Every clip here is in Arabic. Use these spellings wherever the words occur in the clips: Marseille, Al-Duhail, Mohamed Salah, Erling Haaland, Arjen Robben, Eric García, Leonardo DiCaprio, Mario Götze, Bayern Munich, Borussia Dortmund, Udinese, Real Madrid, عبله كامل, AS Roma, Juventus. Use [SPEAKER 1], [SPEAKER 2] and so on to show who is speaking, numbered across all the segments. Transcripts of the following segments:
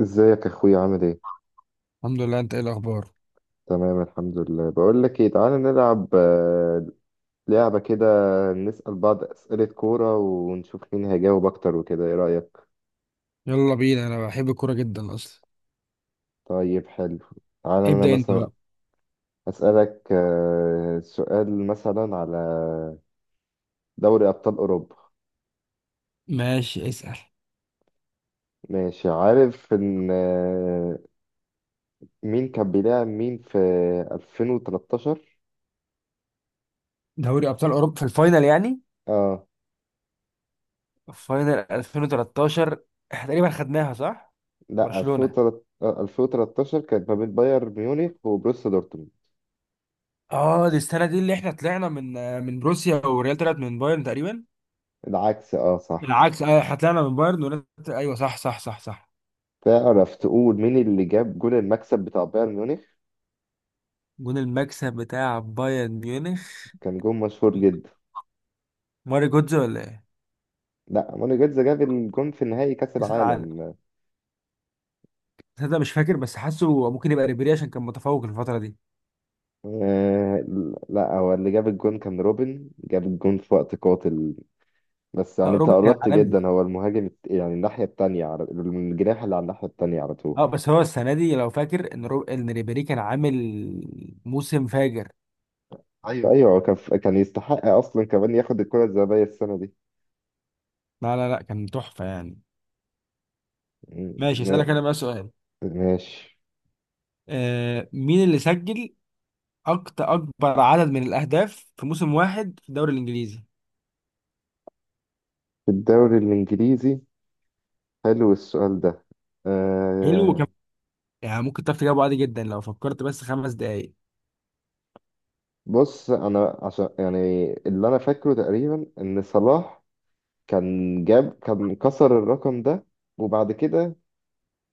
[SPEAKER 1] ازيك يا اخويا، عامل ايه؟
[SPEAKER 2] الحمد لله، انت ايه الاخبار؟
[SPEAKER 1] تمام، الحمد لله. بقول لك ايه، تعالى نلعب لعبة كده. نسأل بعض أسئلة كورة ونشوف مين هيجاوب اكتر وكده. ايه رأيك؟
[SPEAKER 2] يلا بينا، انا بحب الكوره جدا اصلا.
[SPEAKER 1] طيب، حلو. تعالى انا
[SPEAKER 2] ابدا انت
[SPEAKER 1] مثلا
[SPEAKER 2] بقى.
[SPEAKER 1] أسألك سؤال مثلا على دوري أبطال أوروبا.
[SPEAKER 2] ماشي، اسأل.
[SPEAKER 1] ماشي. عارف ان مين كان بيلعب مين في 2013؟
[SPEAKER 2] دوري أبطال أوروبا في الفاينل يعني.
[SPEAKER 1] اه.
[SPEAKER 2] فاينل 2013، احنا تقريبا خدناها صح؟
[SPEAKER 1] لا،
[SPEAKER 2] برشلونة.
[SPEAKER 1] 2013 كانت ما بين بايرن ميونخ وبروسيا دورتموند.
[SPEAKER 2] اه دي السنة دي اللي احنا طلعنا من بروسيا والريال طلعت من بايرن تقريبا.
[SPEAKER 1] العكس. اه، صح.
[SPEAKER 2] بالعكس، اه احنا طلعنا من بايرن والريال ايوه صح صح صح صح.
[SPEAKER 1] تعرف تقول مين اللي جاب جول المكسب بتاع بايرن ميونخ؟
[SPEAKER 2] جون المكسب بتاع بايرن ميونخ.
[SPEAKER 1] كان جول مشهور جدا.
[SPEAKER 2] ماري جودز ولا ايه؟
[SPEAKER 1] لا، موني جيتز جاب الجون في نهائي كأس
[SPEAKER 2] كأس العالم.
[SPEAKER 1] العالم.
[SPEAKER 2] تصدق مش فاكر، بس حاسه ممكن يبقى ريبيري عشان كان متفوق الفترة دي.
[SPEAKER 1] آه. لا، هو اللي جاب الجون كان روبن، جاب الجون في وقت قاتل. بس يعني
[SPEAKER 2] اه
[SPEAKER 1] انت
[SPEAKER 2] روبن كان
[SPEAKER 1] قربت
[SPEAKER 2] عالمي.
[SPEAKER 1] جدا. هو المهاجم يعني الناحية التانية، على الجناح اللي على الناحية التانية على طول.
[SPEAKER 2] اه بس هو السنه دي لو فاكر ان ان ريبيري كان عامل موسم فاجر.
[SPEAKER 1] ايوه، فأيوه هو كان يستحق أصلا كمان ياخد الكرة الذهبية السنة دي.
[SPEAKER 2] لا لا لا، كان تحفه يعني. ماشي،
[SPEAKER 1] م-
[SPEAKER 2] اسالك انا بقى سؤال.
[SPEAKER 1] ماشي.
[SPEAKER 2] آه، مين اللي سجل اكتر اكبر عدد من الاهداف في موسم واحد في الدوري الانجليزي؟
[SPEAKER 1] في الدوري الإنجليزي. حلو السؤال ده.
[SPEAKER 2] حلو
[SPEAKER 1] آه
[SPEAKER 2] كم. يعني ممكن تعرف تجاوبه عادي جدا لو فكرت بس خمس دقائق.
[SPEAKER 1] بص انا عشان يعني اللي انا فاكره تقريبا ان صلاح كان كسر الرقم ده وبعد كده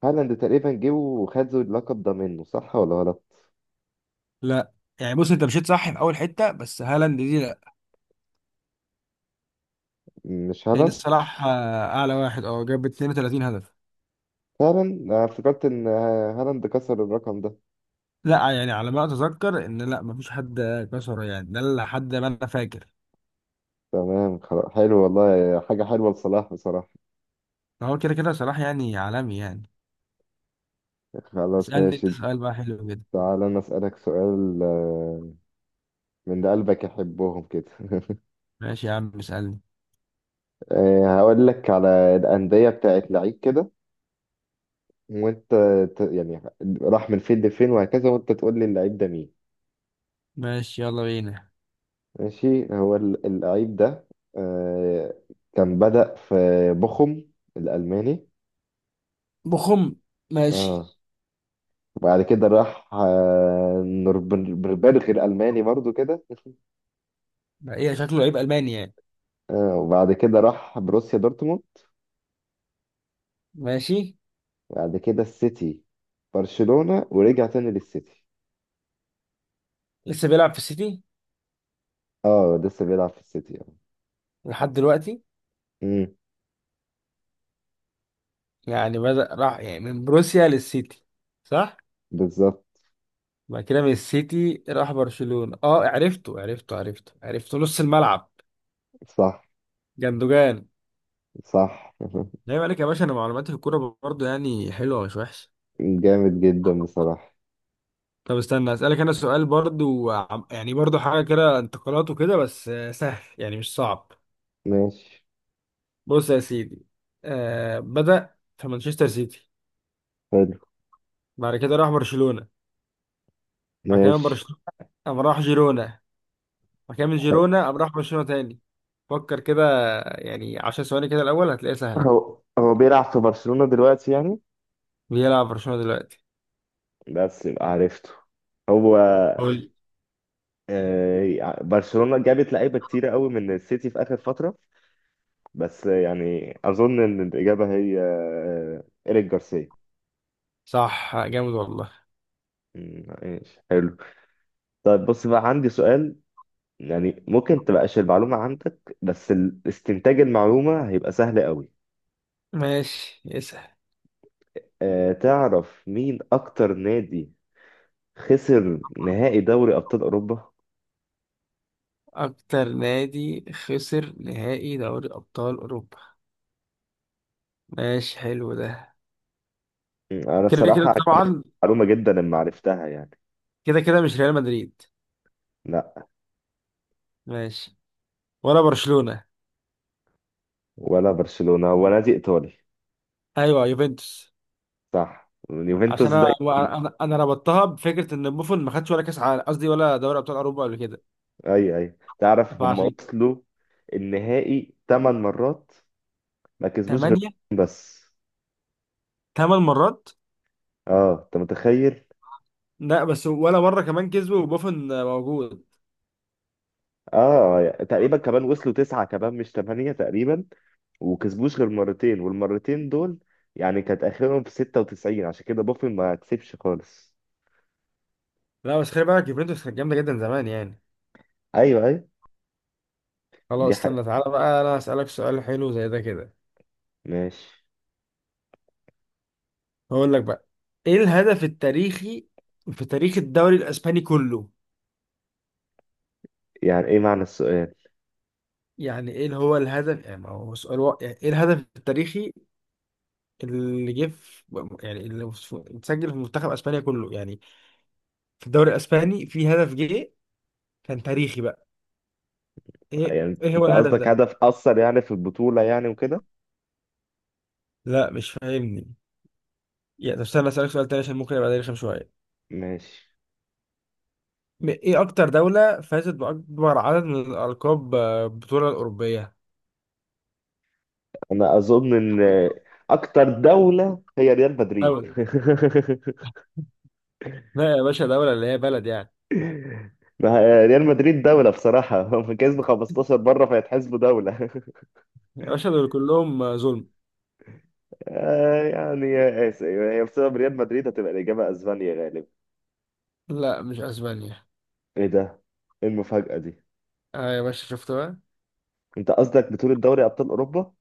[SPEAKER 1] هالاند تقريبا جه وخد اللقب ده منه، صح ولا غلط؟
[SPEAKER 2] لا. يعني بص، انت مشيت صح في اول حته، بس هالاند دي لا.
[SPEAKER 1] مش
[SPEAKER 2] لان
[SPEAKER 1] هالاند.
[SPEAKER 2] الصلاح اعلى واحد، اه جاب 32 هدف.
[SPEAKER 1] فعلا انا افتكرت ان هالاند كسر الرقم ده.
[SPEAKER 2] لا يعني على ما اتذكر ان لا، مفيش حد كسره يعني. ده اللي حد ما انا فاكر.
[SPEAKER 1] تمام، خلاص، حلو والله، حاجة حلوة لصلاح بصراحة.
[SPEAKER 2] هو كده كده صلاح يعني عالمي يعني.
[SPEAKER 1] خلاص،
[SPEAKER 2] اسألني انت
[SPEAKER 1] ماشي.
[SPEAKER 2] سؤال بقى حلو كده.
[SPEAKER 1] تعال انا اسألك سؤال، من اللي قلبك يحبهم كده.
[SPEAKER 2] ماشي يا عم، اسألني.
[SPEAKER 1] هقول لك على الأندية بتاعت لعيب كده، وانت يعني راح من فين لفين وهكذا، وانت تقول لي اللعيب ده مين.
[SPEAKER 2] ماشي يلا بينا.
[SPEAKER 1] ماشي. هو اللعيب ده آه كان بدأ في بوخم الألماني.
[SPEAKER 2] بخم. ماشي.
[SPEAKER 1] اه. وبعد كده راح نوربربرغ الألماني برضو كده.
[SPEAKER 2] بقى ايه شكله لعيب ألماني يعني.
[SPEAKER 1] وبعد كده راح بروسيا دورتموند.
[SPEAKER 2] ماشي.
[SPEAKER 1] وبعد كده السيتي، برشلونة، ورجع تاني للسيتي.
[SPEAKER 2] لسه بيلعب في السيتي؟
[SPEAKER 1] اه، لسه بيلعب في السيتي، اه.
[SPEAKER 2] لحد دلوقتي.
[SPEAKER 1] امم.
[SPEAKER 2] يعني بدأ راح يعني من بروسيا للسيتي. صح.
[SPEAKER 1] بالظبط.
[SPEAKER 2] بعد كده من السيتي راح برشلونة. اه، عرفته عرفته عرفته عرفته نص الملعب.
[SPEAKER 1] صح.
[SPEAKER 2] جندوجان.
[SPEAKER 1] صح.
[SPEAKER 2] لا عليك يا باشا، انا معلوماتي في الكورة برضه يعني حلوة مش وحشة.
[SPEAKER 1] جامد جدا بصراحة.
[SPEAKER 2] طب استنى اسالك انا سؤال برضو يعني برضو حاجه كده انتقالات وكده، بس سهل يعني مش صعب.
[SPEAKER 1] ماشي.
[SPEAKER 2] بص يا سيدي. آه، بدا في مانشستر سيتي. بعد كده راح برشلونه. بعد كده من
[SPEAKER 1] ماشي.
[SPEAKER 2] برشلونه قام راح جيرونا. بعد كده من جيرونا قام راح برشلونه تاني. فكر كده. يعني 10 ثواني كده الاول هتلاقيها سهله.
[SPEAKER 1] هو بيلعب في برشلونة دلوقتي يعني.
[SPEAKER 2] بيلعب برشلونه دلوقتي.
[SPEAKER 1] بس يبقى عرفته هو.
[SPEAKER 2] قول.
[SPEAKER 1] برشلونة جابت لعيبة كتيرة قوي من السيتي في آخر فترة. بس يعني أظن إن الإجابة هي إيريك جارسيا.
[SPEAKER 2] صح، جامد والله.
[SPEAKER 1] ماشي، حلو. طيب، بص بقى عندي سؤال. يعني ممكن تبقاش المعلومة عندك بس استنتاج المعلومة هيبقى سهل قوي.
[SPEAKER 2] ماشي. اسأل.
[SPEAKER 1] تعرف مين أكتر نادي خسر نهائي دوري أبطال أوروبا؟
[SPEAKER 2] أكتر نادي خسر نهائي دوري أبطال أوروبا. ماشي حلو ده.
[SPEAKER 1] أنا
[SPEAKER 2] كده كده
[SPEAKER 1] بصراحة
[SPEAKER 2] طبعا.
[SPEAKER 1] معلومة جدا ان عرفتها يعني.
[SPEAKER 2] كده كده، مش ريال مدريد.
[SPEAKER 1] لا.
[SPEAKER 2] ماشي. ولا برشلونة.
[SPEAKER 1] ولا برشلونة، هو نادي ايطالي.
[SPEAKER 2] ايوه، يوفنتوس.
[SPEAKER 1] صح، اليوفنتوس
[SPEAKER 2] عشان
[SPEAKER 1] ده.
[SPEAKER 2] انا، انا ربطتها بفكره ان بوفون ما خدش ولا كاس عالم، قصدي ولا دوري ابطال اوروبا قبل كده.
[SPEAKER 1] اي، اي، تعرف هم
[SPEAKER 2] فعشان.
[SPEAKER 1] وصلوا النهائي ثمان مرات، ما كسبوش غير
[SPEAKER 2] ثمانيه.
[SPEAKER 1] بس.
[SPEAKER 2] ثمان مرات.
[SPEAKER 1] اه، انت متخيل؟
[SPEAKER 2] لا بس ولا مره كمان كسبوا وبوفون موجود.
[SPEAKER 1] اه، يعني تقريبا كمان وصلوا تسعة كمان مش ثمانية تقريبا. وكسبوش غير مرتين، والمرتين دول يعني كانت اخرهم في 96، عشان كده بوفن ما كسبش خالص.
[SPEAKER 2] لا بس خلي بالك، يوفنتوس كانت جامده جدا زمان يعني.
[SPEAKER 1] ايوه، ايوه. دي
[SPEAKER 2] خلاص
[SPEAKER 1] حقيقة.
[SPEAKER 2] استنى، تعالى بقى انا اسالك سؤال حلو زي ده كده.
[SPEAKER 1] ماشي.
[SPEAKER 2] هقول لك بقى. ايه الهدف التاريخي في تاريخ الدوري الاسباني كله؟
[SPEAKER 1] يعني ايه معنى السؤال؟
[SPEAKER 2] يعني ايه اللي هو الهدف؟ يعني ما هو سؤال واقع. يعني ايه الهدف التاريخي اللي جه في، يعني اتسجل في منتخب اسبانيا كله يعني. في الدوري الاسباني في هدف جه كان تاريخي بقى. ايه
[SPEAKER 1] يعني
[SPEAKER 2] ايه هو
[SPEAKER 1] انت
[SPEAKER 2] الهدف
[SPEAKER 1] قصدك
[SPEAKER 2] ده؟
[SPEAKER 1] هدف اثر يعني في البطوله يعني وكده؟
[SPEAKER 2] لا مش فاهمني. يعني طب استنى اسالك سؤال تاني عشان ممكن يبقى ده رخم شويه.
[SPEAKER 1] ماشي.
[SPEAKER 2] ايه اكتر دوله فازت باكبر عدد من الالقاب، بطوله الاوروبيه؟
[SPEAKER 1] انا اظن ان اكتر دوله هي ريال مدريد.
[SPEAKER 2] دولة. لا يا باشا، دولة اللي هي بلد يعني.
[SPEAKER 1] ما هي ريال مدريد دوله بصراحه. هم كسبوا 15 مره، فيتحسبوا دوله.
[SPEAKER 2] يا باشا دول كلهم ظلم.
[SPEAKER 1] يعني يا اسف هي بسبب ريال مدريد هتبقى الاجابه اسبانيا غالبا.
[SPEAKER 2] لا مش اسبانيا.
[SPEAKER 1] ايه ده؟ ايه المفاجاه دي؟
[SPEAKER 2] اه يا باشا، شفت بقى.
[SPEAKER 1] انت قصدك بطوله دوري ابطال اوروبا؟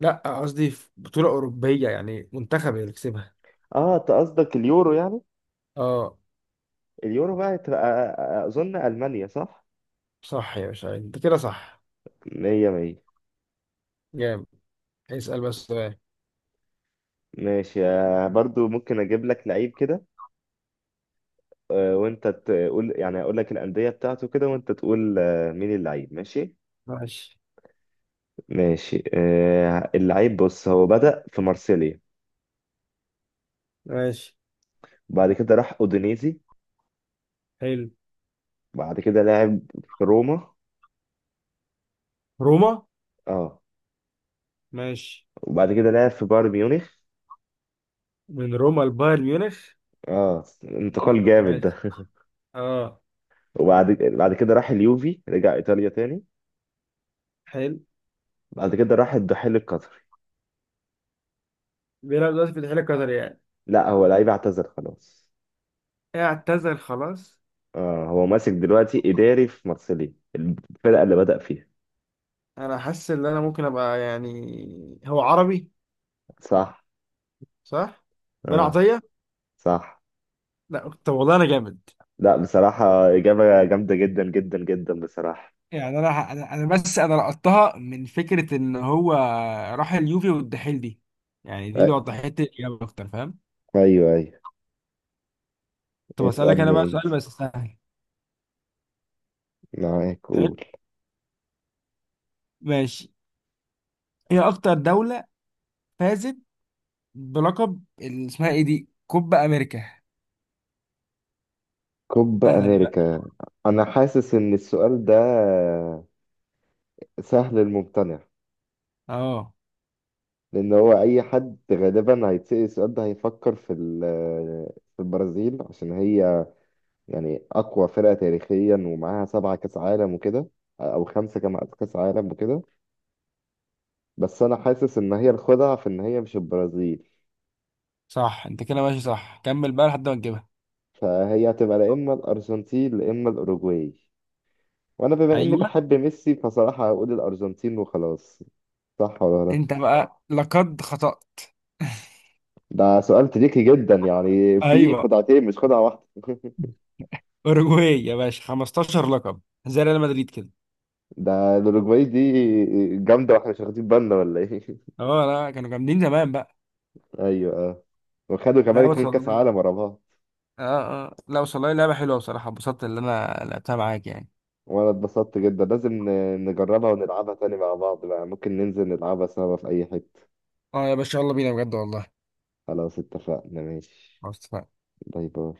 [SPEAKER 2] لا قصدي في بطولة أوروبية يعني منتخب اللي كسبها.
[SPEAKER 1] اه، انت قصدك اليورو يعني؟
[SPEAKER 2] اه.
[SPEAKER 1] اليورو بقى تبقى اظن المانيا، صح؟
[SPEAKER 2] صح يا باشا، انت كده صح.
[SPEAKER 1] 100 100.
[SPEAKER 2] جامد. اسأل بس سؤال.
[SPEAKER 1] ماشي. برضو ممكن اجيب لك لعيب كده، وانت تقول، يعني اقول لك الانديه بتاعته كده وانت تقول مين اللعيب. ماشي.
[SPEAKER 2] ماشي.
[SPEAKER 1] ماشي. اللعيب بص هو بدأ في مارسيليا.
[SPEAKER 2] ماشي.
[SPEAKER 1] بعد كده راح اودينيزي.
[SPEAKER 2] حلو.
[SPEAKER 1] بعد كده لعب في روما.
[SPEAKER 2] روما.
[SPEAKER 1] اه.
[SPEAKER 2] ماشي.
[SPEAKER 1] وبعد كده لعب في بايرن ميونخ.
[SPEAKER 2] من روما لبايرن ميونخ.
[SPEAKER 1] اه،
[SPEAKER 2] مم.
[SPEAKER 1] انتقال جامد ده.
[SPEAKER 2] ماشي. اه.
[SPEAKER 1] وبعد كده راح اليوفي، رجع ايطاليا تاني.
[SPEAKER 2] حلو.
[SPEAKER 1] بعد كده راح الدحيل القطري.
[SPEAKER 2] بيلعب دلوقتي في الاتحاد القطري يعني.
[SPEAKER 1] لا، هو لعيب اعتزل خلاص.
[SPEAKER 2] اعتذر خلاص.
[SPEAKER 1] هو ماسك دلوقتي إداري في مارسيليا الفرقة اللي بدأ فيها.
[SPEAKER 2] انا حاسس ان انا ممكن ابقى، يعني هو عربي.
[SPEAKER 1] صح.
[SPEAKER 2] صح. بن
[SPEAKER 1] آه،
[SPEAKER 2] عطية.
[SPEAKER 1] صح.
[SPEAKER 2] لا طب والله انا جامد.
[SPEAKER 1] لا، بصراحة إجابة جامدة جدا جدا جدا بصراحة.
[SPEAKER 2] يعني انا بس، انا لقطتها من فكره ان هو راح اليوفي والدحيل دي. يعني دي اللي
[SPEAKER 1] أ-
[SPEAKER 2] وضحت لي الاجابه اكتر، فاهم.
[SPEAKER 1] أيوه، أيوه.
[SPEAKER 2] طب اسالك انا بقى
[SPEAKER 1] اسألني أنت.
[SPEAKER 2] سؤال بس سهل.
[SPEAKER 1] معاك،
[SPEAKER 2] حلو.
[SPEAKER 1] قول.
[SPEAKER 2] ماشي. هي اكتر دولة فازت بلقب اسمها ايه دي، كوبا امريكا.
[SPEAKER 1] كوب
[SPEAKER 2] سهلة دي بقى.
[SPEAKER 1] أمريكا. أنا حاسس إن السؤال ده سهل الممتنع.
[SPEAKER 2] اه.
[SPEAKER 1] لأن هو أي حد غالبا هيتسأل السؤال ده هيفكر في البرازيل عشان هي يعني اقوى فرقه تاريخيا ومعاها سبعه كاس عالم وكده. او خمسه كمان كاس عالم وكده. بس انا حاسس ان هي الخدعه في ان هي مش البرازيل.
[SPEAKER 2] صح انت كده ماشي، صح، كمل بقى لحد ما تجيبها.
[SPEAKER 1] فهي هتبقى لا اما الارجنتين لا اما الاوروجواي، وانا بما اني
[SPEAKER 2] ايوه.
[SPEAKER 1] بحب ميسي فصراحه هقول الارجنتين وخلاص. صح ولا
[SPEAKER 2] انت
[SPEAKER 1] غلط؟
[SPEAKER 2] بقى لقد خطأت.
[SPEAKER 1] ده سؤال تريكي جدا، يعني في
[SPEAKER 2] ايوه.
[SPEAKER 1] خدعتين مش خدعه واحده.
[SPEAKER 2] اوروجواي يا باشا، 15 لقب زي ريال مدريد كده.
[SPEAKER 1] ده الاوروجواي دي جامده، واحنا مش واخدين بالنا ولا ايه؟
[SPEAKER 2] اه لا، كانوا جامدين زمان بقى.
[SPEAKER 1] ايوه، اه. وخدوا كمان
[SPEAKER 2] لا بس
[SPEAKER 1] اتنين كاس
[SPEAKER 2] والله.
[SPEAKER 1] عالم ورا بعض.
[SPEAKER 2] اه اه، لا بس والله لعبة حلوة بصراحة، اتبسطت اللي انا لعبتها معاك يعني.
[SPEAKER 1] وانا اتبسطت جدا، لازم نجربها ونلعبها تاني مع بعض بقى، ممكن ننزل نلعبها سوا في اي حتة.
[SPEAKER 2] اه يا باشا يلا بينا بجد والله.
[SPEAKER 1] خلاص، اتفقنا، ماشي.
[SPEAKER 2] خلاص اتفقنا.
[SPEAKER 1] باي، باي.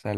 [SPEAKER 2] سلام.